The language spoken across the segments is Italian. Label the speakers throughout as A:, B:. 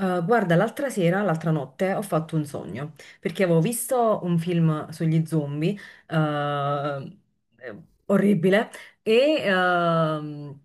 A: Guarda, l'altra sera, l'altra notte, ho fatto un sogno, perché avevo visto un film sugli zombie, eh, orribile, e ehm,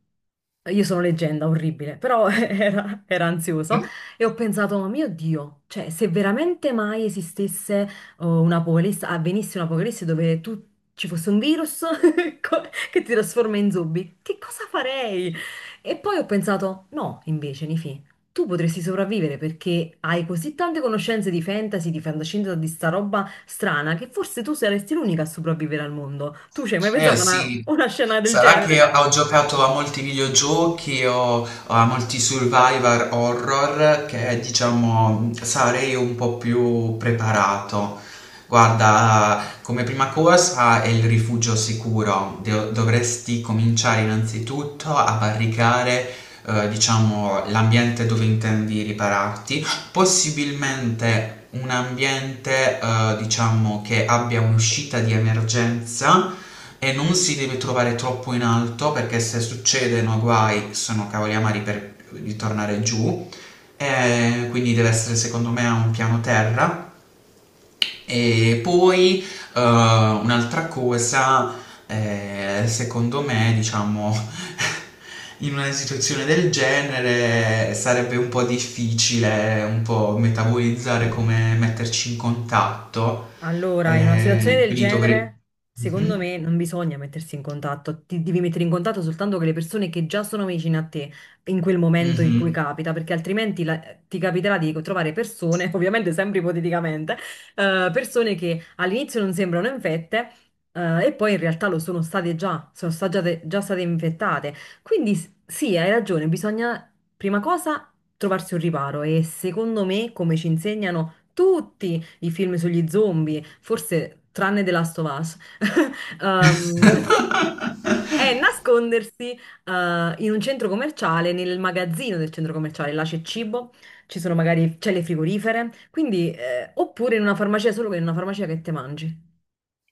A: io sono leggenda, orribile, però era, era ansioso e ho pensato, ma mio Dio, cioè se veramente mai esistesse oh, un'apocalisse, avvenisse un'apocalisse dove tu ci fosse un virus co- che ti trasforma in zombie, che cosa farei? E poi ho pensato, no, invece, Nifì. Tu potresti sopravvivere perché hai così tante conoscenze di fantasy, di fantascienza, di sta roba strana che forse tu saresti l'unica a sopravvivere al mondo. Tu ci hai mai
B: Eh
A: pensato a una,
B: sì,
A: una scena del
B: sarà
A: genere?
B: che ho giocato a molti videogiochi o a molti survivor horror che diciamo sarei un po' più preparato. Guarda, come prima cosa è il rifugio sicuro. Dovresti cominciare innanzitutto a barricare diciamo l'ambiente dove intendi ripararti. Possibilmente un ambiente, diciamo, che abbia un'uscita di emergenza e non si deve trovare troppo in alto perché se succedono guai sono cavoli amari per ritornare giù. E quindi deve essere secondo me a un piano terra e poi un'altra cosa, secondo me, diciamo, in una situazione del genere sarebbe un po' difficile un po' metabolizzare come metterci in contatto.
A: Allora, in una situazione del
B: Quindi dovrei...
A: genere, secondo
B: Mhm,
A: me non bisogna mettersi in contatto, ti devi mettere in contatto soltanto con le persone che già sono vicine a te in quel momento in cui
B: mhm.
A: capita, perché altrimenti ti capiterà di trovare persone, ovviamente sempre ipoteticamente, persone che all'inizio non sembrano infette, e poi in realtà lo sono state già, sono già state infettate. Quindi sì, hai ragione, bisogna prima cosa trovarsi un riparo e secondo me, come ci insegnano tutti, i film sugli zombie, forse tranne The Last of Us, ehm, è nascondersi in un centro commerciale, nel magazzino del centro commerciale, là c'è cibo, ci sono magari celle frigorifere, quindi, oppure in una farmacia, solo che in una farmacia che te mangi.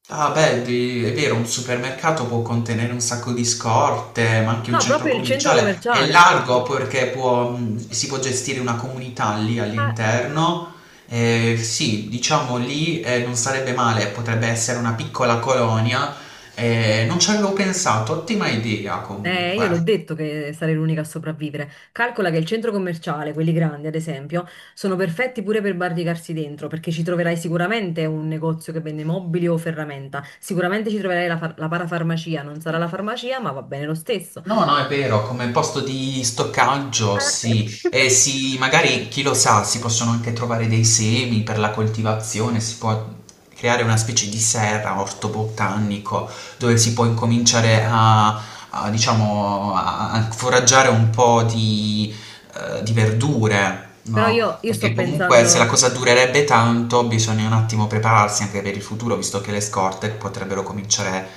B: Ah beh, è vero, un supermercato può contenere un sacco di scorte, ma anche un
A: No,
B: centro
A: proprio il centro
B: commerciale. È
A: commerciale.
B: largo perché può, si può gestire una comunità lì all'interno. Sì, diciamo lì non sarebbe male, potrebbe essere una piccola colonia. Non ci avevo pensato, ottima idea
A: Io l'ho
B: comunque.
A: detto che sarei l'unica a sopravvivere. Calcola che il centro commerciale, quelli grandi ad esempio, sono perfetti pure per barricarsi dentro, perché ci troverai sicuramente un negozio che vende mobili o ferramenta. Sicuramente ci troverai la parafarmacia, non sarà la farmacia, ma va bene lo stesso.
B: No, no, è vero, come posto di stoccaggio, sì.
A: Eh.
B: E sì, magari, chi lo sa, si possono anche trovare dei semi per la coltivazione, si può creare una specie di serra, orto botanico, dove si può incominciare diciamo, a foraggiare un po' di verdure,
A: Però
B: no?
A: io sto
B: Perché comunque se la
A: pensando.
B: cosa durerebbe tanto, bisogna un attimo prepararsi anche per il futuro, visto che le scorte potrebbero cominciare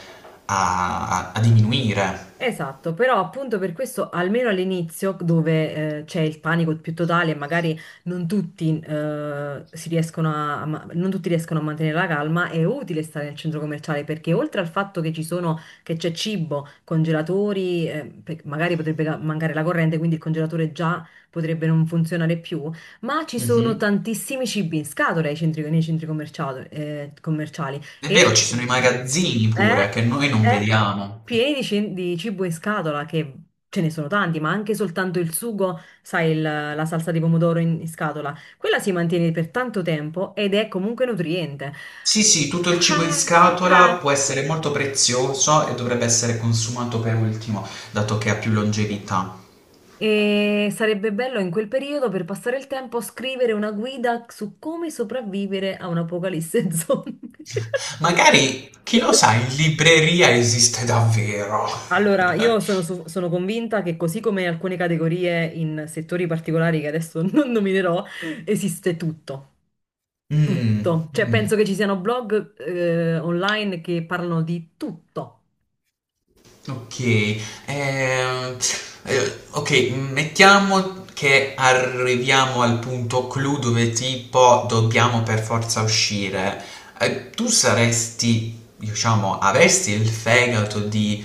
B: a diminuire.
A: Esatto, però appunto per questo, almeno all'inizio, dove c'è il panico più totale e magari non tutti, si riescono non tutti riescono a mantenere la calma, è utile stare nel centro commerciale perché oltre al fatto che ci sono, che c'è cibo, congelatori, magari potrebbe mancare la corrente, quindi il congelatore già potrebbe non funzionare più, ma ci sono
B: Mhm.
A: tantissimi cibi in scatola ai nei centri commerciali, commerciali.
B: È vero, ci sono i magazzini pure
A: Eh,
B: che noi non
A: eh,
B: vediamo.
A: pieni di, di cibo in scatola, che ce ne sono tanti, ma anche soltanto il sugo, sai, la salsa di pomodoro in scatola, quella si mantiene per tanto tempo ed è comunque nutriente.
B: Sì, sì, tutto il cibo in
A: Ah,
B: scatola può essere molto prezioso e dovrebbe essere consumato per ultimo, dato che ha più longevità.
A: e sarebbe bello in quel periodo, per passare il tempo, scrivere una guida su come sopravvivere a un'apocalisse zombie.
B: Magari, chi lo sa, in libreria esiste davvero.
A: Allora, io sono convinta che così come alcune categorie in settori particolari che adesso non nominerò, esiste tutto.
B: Mm.
A: Tutto. Cioè, penso che ci siano blog, online che parlano di tutto.
B: Ok, ehm, ok, mettiamo che arriviamo al punto clou dove tipo dobbiamo per forza uscire. Tu saresti, diciamo, avresti il fegato di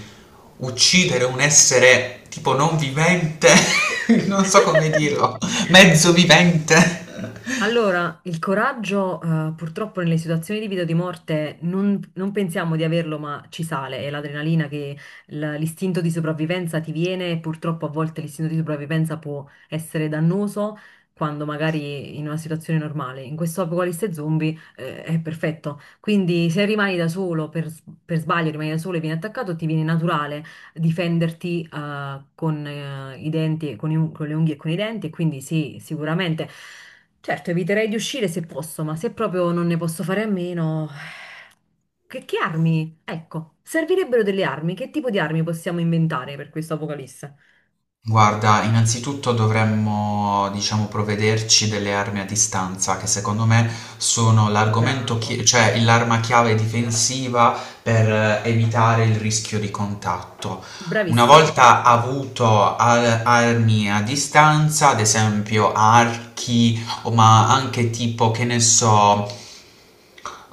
B: uccidere un essere tipo non vivente, non so come dirlo, mezzo vivente.
A: Allora, il coraggio, purtroppo nelle situazioni di vita o di morte non pensiamo di averlo, ma ci sale. È l'adrenalina che l'istinto di sopravvivenza ti viene e purtroppo a volte l'istinto di sopravvivenza può essere dannoso quando magari in una situazione normale. In questo apocalisse zombie, è perfetto. Quindi se rimani da solo, per sbaglio rimani da solo e vieni attaccato, ti viene naturale difenderti con i denti, e con le unghie e con i denti, e quindi sì, sicuramente. Certo, eviterei di uscire se posso, ma se proprio non ne posso fare a meno, che armi? Ecco, servirebbero delle armi. Che tipo di armi possiamo inventare per questo apocalisse?
B: Guarda, innanzitutto dovremmo, diciamo, provvederci delle armi a distanza, che secondo me sono
A: Bravo,
B: cioè l'arma chiave difensiva per evitare il rischio di contatto. Una
A: bravissimo.
B: volta avuto armi a distanza, ad esempio archi, o ma anche tipo, che ne so,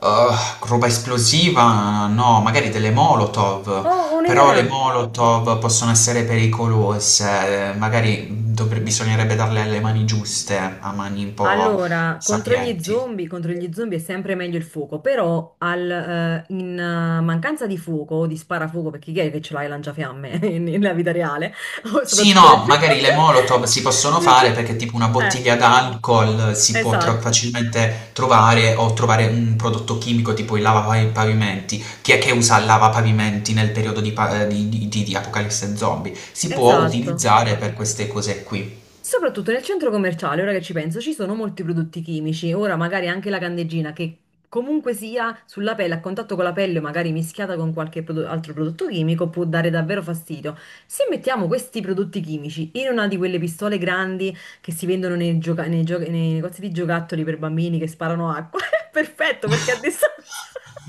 B: Uh, roba esplosiva, no, magari delle Molotov,
A: Oh, ho
B: però
A: un'idea!
B: le Molotov possono essere pericolose, magari bisognerebbe darle le mani giuste, a mani un po'
A: Allora,
B: sapienti.
A: contro gli zombie è sempre meglio il fuoco, però in mancanza di fuoco o di sparafuoco, perché chi è che ce l'ha il lanciafiamme nella vita reale? O
B: Sì,
A: soprattutto nel...
B: no, magari le Molotov si possono
A: nel...
B: fare
A: ce-
B: perché tipo una
A: Eh,
B: bottiglia d'alcol si può
A: esatto.
B: facilmente trovare o trovare un prodotto chimico tipo il lavapavimenti. Chi è che usa il lavapavimenti nel periodo di, di Apocalisse zombie? Si può
A: Esatto.
B: utilizzare per queste cose qui.
A: Soprattutto nel centro commerciale, ora che ci penso, ci sono molti prodotti chimici. Ora magari anche la candeggina che comunque sia sulla pelle, a contatto con la pelle, o magari mischiata con qualche altro prodotto chimico, può dare davvero fastidio. Se mettiamo questi prodotti chimici in una di quelle pistole grandi che si vendono nei, nei negozi di giocattoli per bambini che sparano acqua, è perfetto perché a distanza...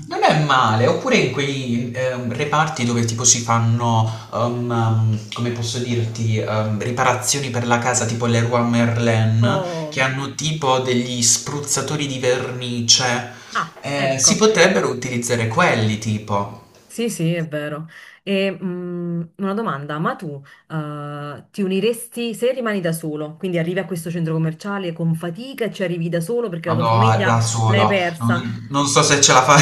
B: Non è male, oppure in quei reparti dove tipo si fanno, come posso dirti, riparazioni per la casa, tipo Leroy Merlin, che
A: Oh,
B: hanno tipo degli spruzzatori di vernice.
A: ah,
B: Si
A: ecco.
B: potrebbero utilizzare quelli tipo.
A: Sì, sì, è vero. E, una domanda, ma tu, ti uniresti se rimani da solo? Quindi arrivi a questo centro commerciale con fatica e ci arrivi da solo perché la tua
B: Vado
A: famiglia
B: da
A: l'hai
B: solo,
A: persa.
B: non so se ce la fa.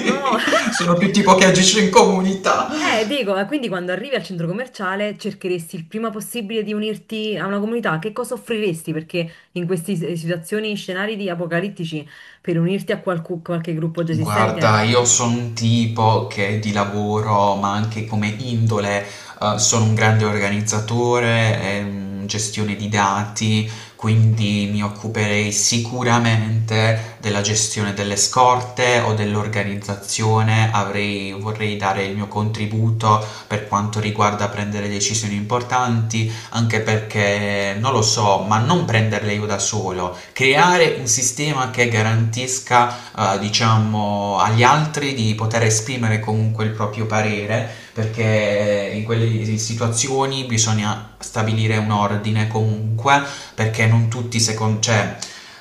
A: No!
B: Sono più tipo che agisce in comunità.
A: Dico, quindi quando arrivi al centro commerciale cercheresti il prima possibile di unirti a una comunità, che cosa offriresti? Perché in queste situazioni, scenari di apocalittici, per unirti a qualche gruppo già
B: Guarda,
A: esistente.
B: io sono un tipo che di lavoro, ma anche come indole, sono un grande organizzatore, gestione di dati, quindi mi occuperei sicuramente della gestione delle scorte o dell'organizzazione. Avrei, vorrei dare il mio contributo per quanto riguarda prendere decisioni importanti, anche perché non lo so, ma non prenderle io da solo, creare un sistema che garantisca diciamo, agli altri di poter esprimere comunque il proprio parere, perché in quelle situazioni bisogna stabilire un ordine comunque, perché non tutti secondo... Cioè,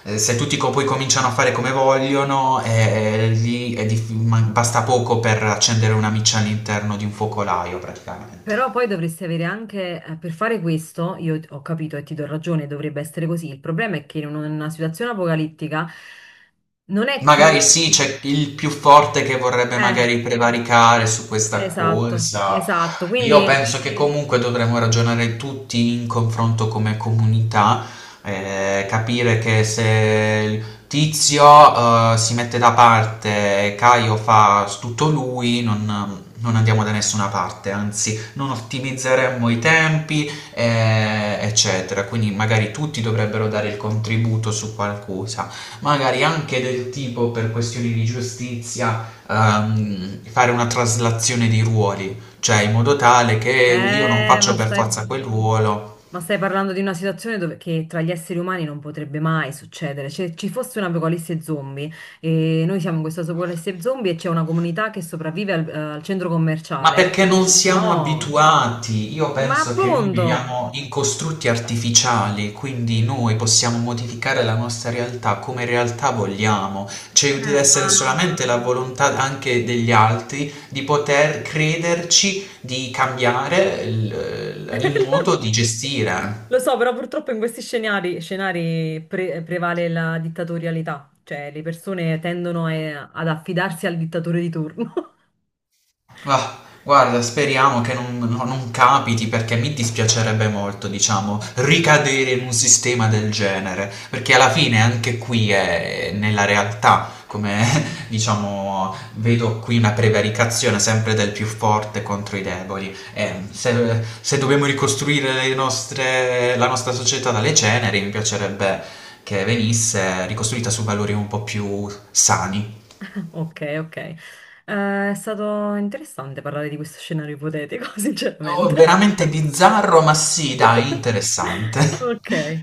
B: se tutti poi cominciano a fare come vogliono, lì è basta poco per accendere una miccia all'interno di un focolaio praticamente.
A: Però poi dovresti avere anche, per fare questo, io ho capito e ti do ragione, dovrebbe essere così. Il problema è che in una situazione apocalittica non è
B: Magari
A: chi...
B: sì, c'è il più forte che vorrebbe
A: Eh,
B: magari prevaricare su questa
A: esatto,
B: cosa.
A: esatto. Quindi,
B: Io penso che comunque dovremmo ragionare tutti in confronto come comunità, capire che se il Tizio, si mette da parte e Caio fa tutto lui, non andiamo da nessuna parte, anzi non ottimizzeremmo i tempi, eccetera. Quindi magari tutti dovrebbero dare il contributo su qualcosa magari anche del tipo per questioni di giustizia, fare una traslazione di ruoli, cioè in modo tale che io non
A: eh,
B: faccio
A: ma
B: per
A: stai,
B: forza quel ruolo.
A: ma stai parlando di una situazione dove, che tra gli esseri umani non potrebbe mai succedere. Se ci fosse un'apocalisse zombie e noi siamo in questa apocalisse zombie e c'è una comunità che sopravvive al centro
B: Ma
A: commerciale.
B: perché non siamo
A: No,
B: abituati? Io
A: ma
B: penso che noi
A: appunto,
B: viviamo in costrutti artificiali, quindi noi possiamo modificare la nostra realtà come realtà vogliamo. Ci deve
A: ma
B: essere solamente la volontà anche degli altri di poter crederci, di cambiare il modo di gestire.
A: lo so, però purtroppo in questi scenari, prevale la dittatorialità, cioè le persone tendono ad affidarsi al dittatore di turno.
B: Ah, guarda, speriamo che non capiti perché mi dispiacerebbe molto, diciamo, ricadere in un sistema del genere, perché alla fine anche qui è nella realtà, come diciamo, vedo qui una prevaricazione sempre del più forte contro i deboli. E se dobbiamo ricostruire la nostra società dalle ceneri, mi piacerebbe che venisse ricostruita su valori un po' più sani.
A: Ok, ok. È stato interessante parlare di questo scenario ipotetico,
B: Oh,
A: sinceramente.
B: veramente bizzarro, ma sì, dai, interessante.
A: Ok.